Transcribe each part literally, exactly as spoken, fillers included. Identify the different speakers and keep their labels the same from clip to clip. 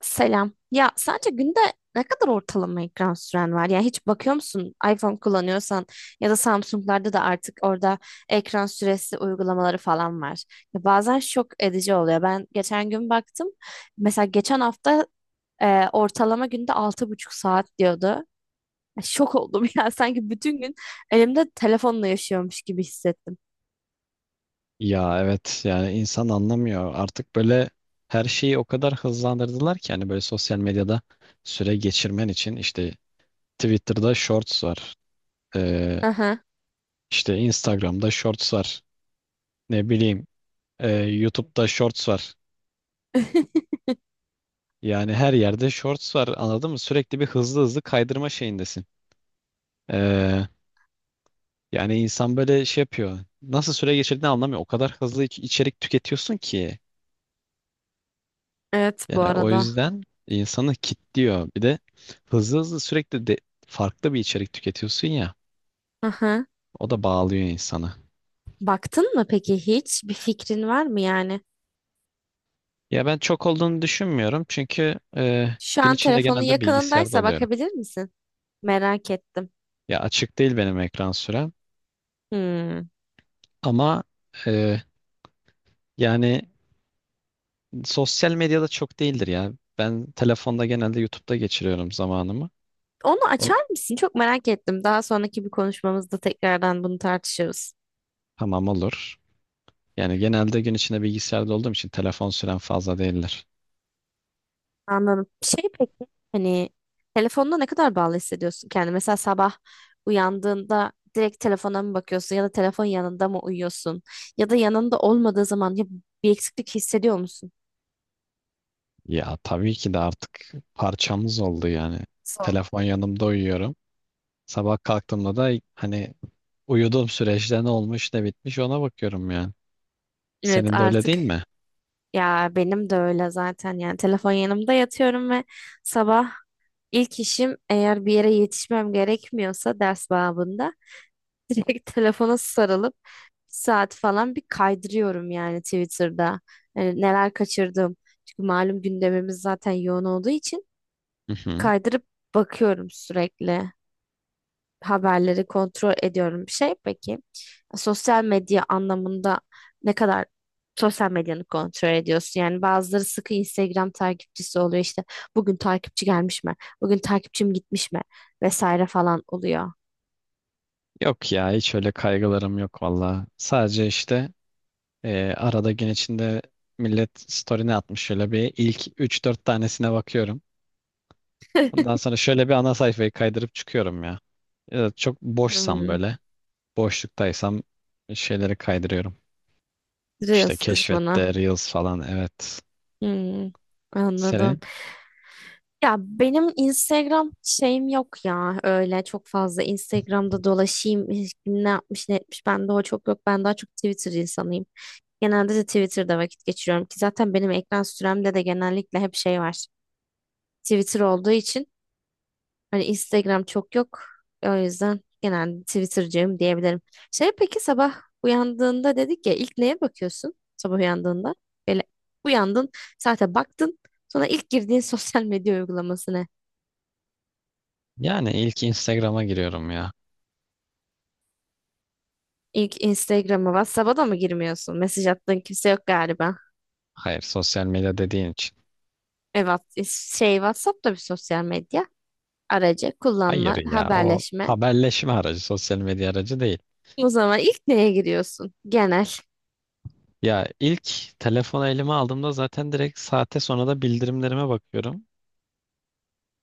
Speaker 1: Selam. Ya sence günde ne kadar ortalama ekran süren var? Yani hiç bakıyor musun iPhone kullanıyorsan ya da Samsung'larda da artık orada ekran süresi uygulamaları falan var. Ya bazen şok edici oluyor. Ben geçen gün baktım. Mesela geçen hafta e, ortalama günde altı buçuk saat diyordu. Ya şok oldum ya. Sanki bütün gün elimde telefonla yaşıyormuş gibi hissettim.
Speaker 2: Ya evet yani insan anlamıyor. Artık böyle her şeyi o kadar hızlandırdılar ki hani böyle sosyal medyada süre geçirmen için işte Twitter'da Shorts var. Ee,
Speaker 1: Aha.
Speaker 2: işte Instagram'da Shorts var. Ne bileyim e, YouTube'da Shorts var. Yani her yerde Shorts var, anladın mı? Sürekli bir hızlı hızlı kaydırma şeyindesin. Ee, Yani insan böyle şey yapıyor. Nasıl süre geçirdiğini anlamıyor. O kadar hızlı iç- içerik tüketiyorsun ki.
Speaker 1: Evet, bu
Speaker 2: Yani o
Speaker 1: arada.
Speaker 2: yüzden insanı kilitliyor. Bir de hızlı hızlı sürekli de farklı bir içerik tüketiyorsun ya.
Speaker 1: Aha.
Speaker 2: O da bağlıyor insanı.
Speaker 1: Baktın mı peki hiç? Bir fikrin var mı yani?
Speaker 2: Ya ben çok olduğunu düşünmüyorum çünkü e,
Speaker 1: Şu
Speaker 2: gün
Speaker 1: an
Speaker 2: içinde
Speaker 1: telefonun
Speaker 2: genelde bilgisayarda
Speaker 1: yakınındaysa
Speaker 2: oluyorum.
Speaker 1: bakabilir misin? Merak ettim.
Speaker 2: Ya açık değil benim ekran sürem,
Speaker 1: Hmm.
Speaker 2: ama e, yani sosyal medyada çok değildir ya. Ben telefonda genelde YouTube'da geçiriyorum zamanımı.
Speaker 1: Onu
Speaker 2: O-
Speaker 1: açar mısın? Çok merak ettim. Daha sonraki bir konuşmamızda tekrardan bunu tartışırız.
Speaker 2: Tamam, olur. Yani genelde gün içinde bilgisayarda olduğum için telefon süren fazla değildir.
Speaker 1: Anladım. Şey peki, hani telefonda ne kadar bağlı hissediyorsun kendini? Mesela sabah uyandığında direkt telefona mı bakıyorsun ya da telefon yanında mı uyuyorsun? Ya da yanında olmadığı zaman ya bir eksiklik hissediyor musun?
Speaker 2: Ya tabii ki de artık parçamız oldu yani.
Speaker 1: Sol.
Speaker 2: Telefon yanımda uyuyorum. Sabah kalktığımda da hani uyuduğum süreçte ne olmuş ne bitmiş ona bakıyorum yani.
Speaker 1: Evet,
Speaker 2: Senin de öyle
Speaker 1: artık
Speaker 2: değil mi?
Speaker 1: ya benim de öyle zaten, yani telefon yanımda yatıyorum ve sabah İlk işim, eğer bir yere yetişmem gerekmiyorsa ders babında, direkt telefona sarılıp bir saat falan bir kaydırıyorum yani Twitter'da. Yani neler kaçırdım. Çünkü malum gündemimiz zaten yoğun olduğu için
Speaker 2: Hı hı.
Speaker 1: kaydırıp bakıyorum sürekli. Haberleri kontrol ediyorum. Bir şey peki, sosyal medya anlamında ne kadar sosyal medyanı kontrol ediyorsun? Yani bazıları sıkı Instagram takipçisi oluyor işte, bugün takipçi gelmiş mi? Bugün takipçim gitmiş mi? Vesaire falan oluyor.
Speaker 2: Yok ya, hiç öyle kaygılarım yok valla. Sadece işte e, arada gün içinde millet story ne atmış şöyle bir ilk üç dört tanesine bakıyorum. Ondan sonra şöyle bir ana sayfayı kaydırıp çıkıyorum ya. Ya da çok boşsam,
Speaker 1: Hmm,
Speaker 2: böyle boşluktaysam, şeyleri kaydırıyorum. İşte
Speaker 1: Reels kısmına.
Speaker 2: keşfette Reels falan, evet.
Speaker 1: Hmm, anladım.
Speaker 2: Senin
Speaker 1: Ya benim Instagram şeyim yok, ya öyle çok fazla Instagram'da dolaşayım kim ne yapmış ne etmiş bende o çok yok, ben daha çok Twitter insanıyım. Genelde de Twitter'da vakit geçiriyorum ki zaten benim ekran süremde de genellikle hep şey var. Twitter olduğu için hani Instagram çok yok. O yüzden genelde Twitter'cıyım diyebilirim. Şey peki, sabah uyandığında dedik ya, ilk neye bakıyorsun sabah uyandığında? Böyle uyandın, saate baktın. Sonra ilk girdiğin sosyal medya uygulaması ne?
Speaker 2: Yani ilk Instagram'a giriyorum ya.
Speaker 1: İlk Instagram'a, WhatsApp'a da mı girmiyorsun? Mesaj attığın kimse yok galiba.
Speaker 2: Hayır, sosyal medya dediğin için.
Speaker 1: Evet, şey WhatsApp da bir sosyal medya aracı,
Speaker 2: Hayır
Speaker 1: kullanma,
Speaker 2: ya, o
Speaker 1: haberleşme.
Speaker 2: haberleşme aracı, sosyal medya aracı değil.
Speaker 1: O zaman ilk neye giriyorsun? Genel.
Speaker 2: Ya ilk telefonu elime aldığımda zaten direkt saate, sonra da bildirimlerime bakıyorum.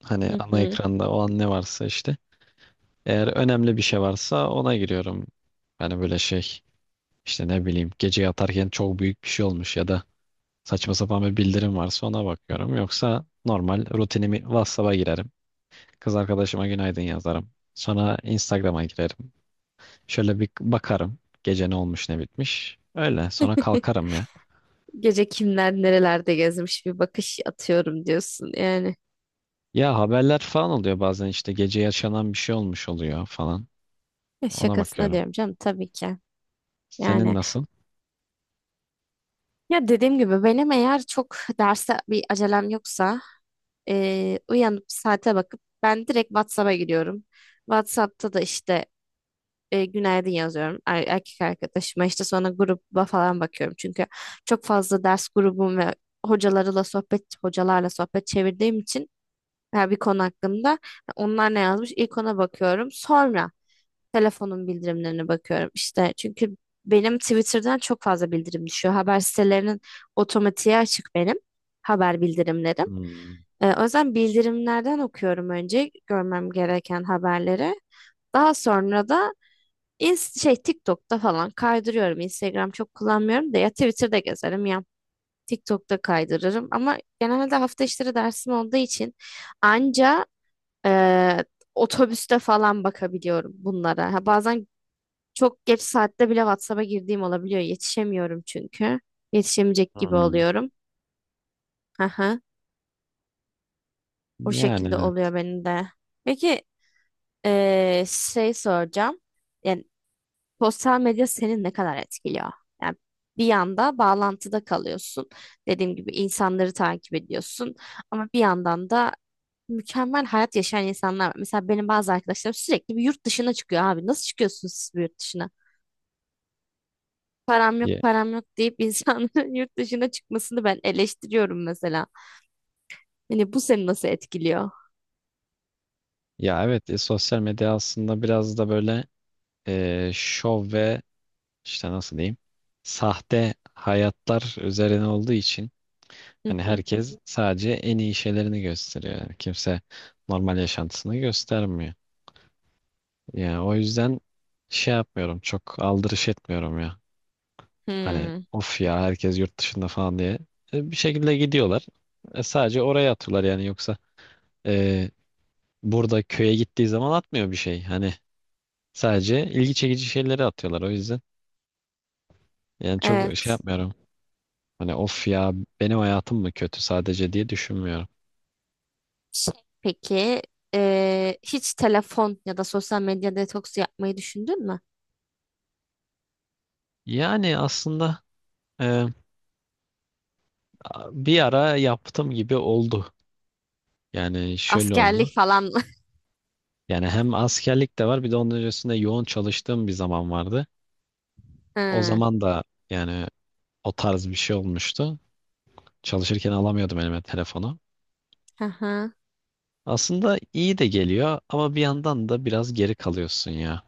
Speaker 2: Hani
Speaker 1: Hı
Speaker 2: ana
Speaker 1: hı.
Speaker 2: ekranda o an ne varsa işte. Eğer önemli bir şey varsa ona giriyorum. Hani böyle şey, işte ne bileyim, gece yatarken çok büyük bir şey olmuş ya da saçma sapan bir bildirim varsa ona bakıyorum. Yoksa normal rutinimi WhatsApp'a girerim. Kız arkadaşıma günaydın yazarım. Sonra Instagram'a girerim. Şöyle bir bakarım. Gece ne olmuş ne bitmiş. Öyle sonra kalkarım ya.
Speaker 1: Gece kimler nerelerde gezmiş bir bakış atıyorum diyorsun yani.
Speaker 2: Ya haberler falan oluyor bazen, işte gece yaşanan bir şey olmuş oluyor falan.
Speaker 1: Ya
Speaker 2: Ona
Speaker 1: şakasına
Speaker 2: bakıyorum.
Speaker 1: diyorum canım, tabii ki.
Speaker 2: Senin
Speaker 1: Yani
Speaker 2: nasıl?
Speaker 1: ya dediğim gibi benim eğer çok derse bir acelem yoksa, eee, uyanıp saate bakıp ben direkt WhatsApp'a giriyorum. WhatsApp'ta da işte eee, günaydın yazıyorum er- erkek arkadaşıma, işte sonra gruba falan bakıyorum. Çünkü çok fazla ders grubum ve hocalarla sohbet hocalarla sohbet çevirdiğim için veya bir konu hakkında. Onlar ne yazmış? İlk ona bakıyorum. Sonra telefonun bildirimlerine bakıyorum. İşte çünkü benim Twitter'dan çok fazla bildirim düşüyor. Haber sitelerinin otomatiğe açık benim haber bildirimlerim.
Speaker 2: Hmm.
Speaker 1: Ee, o yüzden bildirimlerden okuyorum önce görmem gereken haberleri. Daha sonra da Inst şey TikTok'ta falan kaydırıyorum. Instagram çok kullanmıyorum da, ya Twitter'da gezerim ya TikTok'ta kaydırırım. Ama genelde hafta içleri dersim olduğu için anca ee, otobüste falan bakabiliyorum bunlara. Ha, bazen çok geç saatte bile WhatsApp'a girdiğim olabiliyor. Yetişemiyorum çünkü. Yetişemeyecek gibi
Speaker 2: Hmm.
Speaker 1: oluyorum. Aha, o
Speaker 2: Yani
Speaker 1: şekilde
Speaker 2: evet.
Speaker 1: oluyor benim de. Peki ee, şey soracağım. Yani sosyal medya seni ne kadar etkiliyor? Yani bir yanda bağlantıda kalıyorsun. Dediğim gibi insanları takip ediyorsun. Ama bir yandan da mükemmel hayat yaşayan insanlar var. Mesela benim bazı arkadaşlarım sürekli bir yurt dışına çıkıyor abi. Nasıl çıkıyorsunuz siz bir yurt dışına? Param yok,
Speaker 2: ya,
Speaker 1: param yok deyip insanların yurt dışına çıkmasını ben eleştiriyorum mesela. Hani bu seni nasıl etkiliyor?
Speaker 2: ya evet, e, sosyal medya aslında biraz da böyle e, şov ve işte nasıl diyeyim, sahte hayatlar üzerine olduğu için
Speaker 1: Hı
Speaker 2: hani
Speaker 1: hı.
Speaker 2: herkes sadece en iyi şeylerini gösteriyor. Yani kimse normal yaşantısını göstermiyor. Yani o yüzden şey yapmıyorum. Çok aldırış etmiyorum ya. Hani
Speaker 1: Hmm,
Speaker 2: of ya, herkes yurt dışında falan diye. E, bir şekilde gidiyorlar. E, sadece oraya atıyorlar yani, yoksa e, burada köye gittiği zaman atmıyor bir şey. Hani sadece ilgi çekici şeyleri atıyorlar o yüzden. Yani çok şey
Speaker 1: evet.
Speaker 2: yapmıyorum. Hani of ya, benim hayatım mı kötü sadece diye düşünmüyorum.
Speaker 1: Şey, peki eee, hiç telefon ya da sosyal medya detoksu yapmayı düşündün mü?
Speaker 2: Yani aslında e, bir ara yaptım gibi oldu. Yani şöyle oldu.
Speaker 1: Askerlik falan mı?
Speaker 2: Yani hem askerlik de var, bir de onun öncesinde yoğun çalıştığım bir zaman vardı. O
Speaker 1: Hı.
Speaker 2: zaman da yani o tarz bir şey olmuştu. Çalışırken alamıyordum elime telefonu.
Speaker 1: Hı hı.
Speaker 2: Aslında iyi de geliyor ama bir yandan da biraz geri kalıyorsun ya.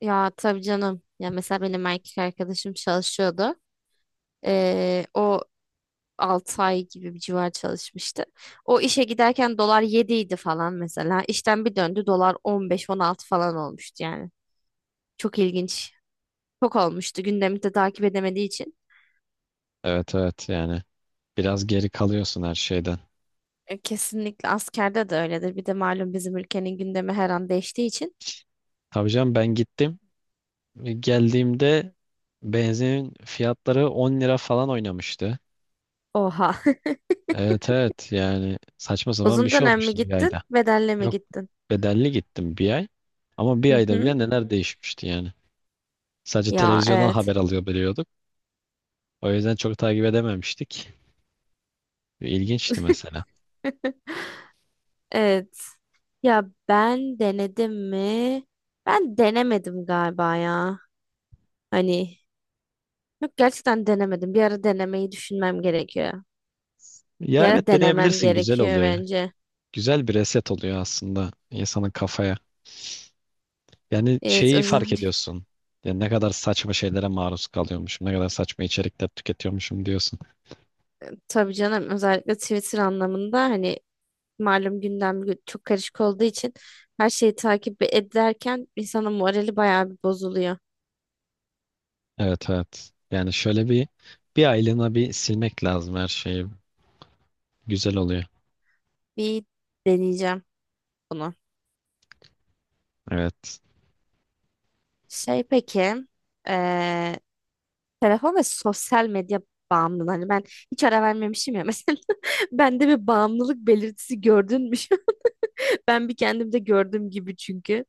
Speaker 1: Ya tabii canım. Ya mesela benim erkek arkadaşım çalışıyordu. Ee, o altı ay gibi bir civar çalışmıştı. O işe giderken dolar yedi idi falan mesela. İşten bir döndü dolar on beş on 16 falan olmuştu yani. Çok ilginç. Çok olmuştu, gündemi de takip edemediği için.
Speaker 2: Evet evet, yani biraz geri kalıyorsun her şeyden.
Speaker 1: E, kesinlikle askerde de öyledir. Bir de malum bizim ülkenin gündemi her an değiştiği için.
Speaker 2: Tabii canım, ben gittim. E, Geldiğimde benzinin fiyatları 10 lira falan oynamıştı.
Speaker 1: Oha.
Speaker 2: Evet evet, yani saçma sapan bir
Speaker 1: Uzun
Speaker 2: şey
Speaker 1: dönem mi
Speaker 2: olmuştu bir ayda.
Speaker 1: gittin? Bedelli mi
Speaker 2: Yok,
Speaker 1: gittin?
Speaker 2: bedelli gittim bir ay. Ama bir
Speaker 1: Hı
Speaker 2: ayda
Speaker 1: hı.
Speaker 2: bile neler değişmişti yani. Sadece
Speaker 1: Ya
Speaker 2: televizyondan haber
Speaker 1: evet.
Speaker 2: alıyor, biliyorduk. O yüzden çok takip edememiştik. İlginçti mesela.
Speaker 1: Evet. Ya ben denedim mi? Ben denemedim galiba ya. Hani yok, gerçekten denemedim. Bir ara denemeyi düşünmem gerekiyor. Bir
Speaker 2: Ya
Speaker 1: ara
Speaker 2: evet,
Speaker 1: denemem
Speaker 2: deneyebilirsin, güzel
Speaker 1: gerekiyor
Speaker 2: oluyor.
Speaker 1: bence.
Speaker 2: Güzel bir reset oluyor aslında insanın kafaya. Yani
Speaker 1: Evet,
Speaker 2: şeyi fark
Speaker 1: özellikle
Speaker 2: ediyorsun. Yani ne kadar saçma şeylere maruz kalıyormuşum, ne kadar saçma içerikler tüketiyormuşum diyorsun.
Speaker 1: tabii canım, özellikle Twitter anlamında hani malum gündem gü- çok karışık olduğu için her şeyi takip ederken insanın morali bayağı bir bozuluyor.
Speaker 2: Evet evet. Yani şöyle bir bir aylığına bir silmek lazım her şeyi. Güzel oluyor.
Speaker 1: Bir deneyeceğim bunu.
Speaker 2: Evet.
Speaker 1: Şey peki, eee, Telefon ve sosyal medya bağımlılığı. Hani ben hiç ara vermemişim ya, mesela. Bende bir bağımlılık belirtisi gördün mü? Ben bir kendimde gördüm gibi çünkü.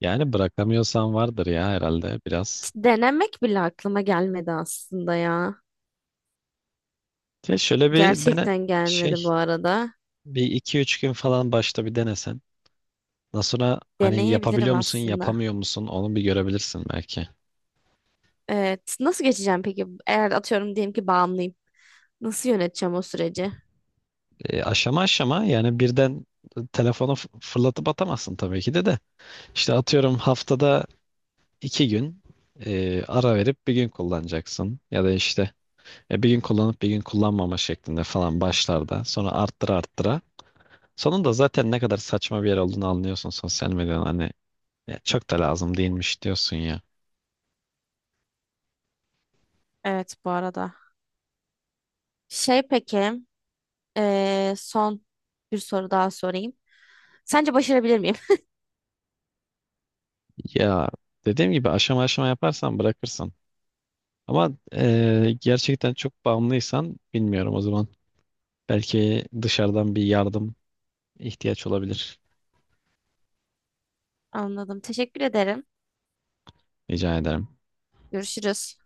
Speaker 2: Yani bırakamıyorsan vardır ya, herhalde biraz.
Speaker 1: Hiç denemek bile aklıma gelmedi aslında ya.
Speaker 2: Ya şöyle bir dene,
Speaker 1: Gerçekten gelmedi
Speaker 2: şey,
Speaker 1: bu arada.
Speaker 2: bir iki üç gün falan başta bir denesen. Ondan sonra hani
Speaker 1: Deneyebilirim
Speaker 2: yapabiliyor musun
Speaker 1: aslında.
Speaker 2: yapamıyor musun onu bir görebilirsin belki.
Speaker 1: Evet. Nasıl geçeceğim peki? Eğer atıyorum diyelim ki bağımlıyım. Nasıl yöneteceğim o süreci?
Speaker 2: E, aşama aşama, yani birden telefonu f- fırlatıp atamazsın tabii ki de de. İşte atıyorum, haftada iki gün e, ara verip bir gün kullanacaksın. Ya da işte e, bir gün kullanıp bir gün kullanmama şeklinde falan başlarda. Sonra arttıra arttıra. Sonunda zaten ne kadar saçma bir yer olduğunu anlıyorsun sosyal medyanın. Hani "ya çok da lazım değilmiş" diyorsun ya.
Speaker 1: Evet, bu arada. Şey peki, eee, son bir soru daha sorayım. Sence başarabilir miyim?
Speaker 2: Ya dediğim gibi, aşama aşama yaparsan bırakırsın. Ama e, gerçekten çok bağımlıysan bilmiyorum o zaman. Belki dışarıdan bir yardım ihtiyaç olabilir.
Speaker 1: Anladım. Teşekkür ederim.
Speaker 2: Rica ederim.
Speaker 1: Görüşürüz.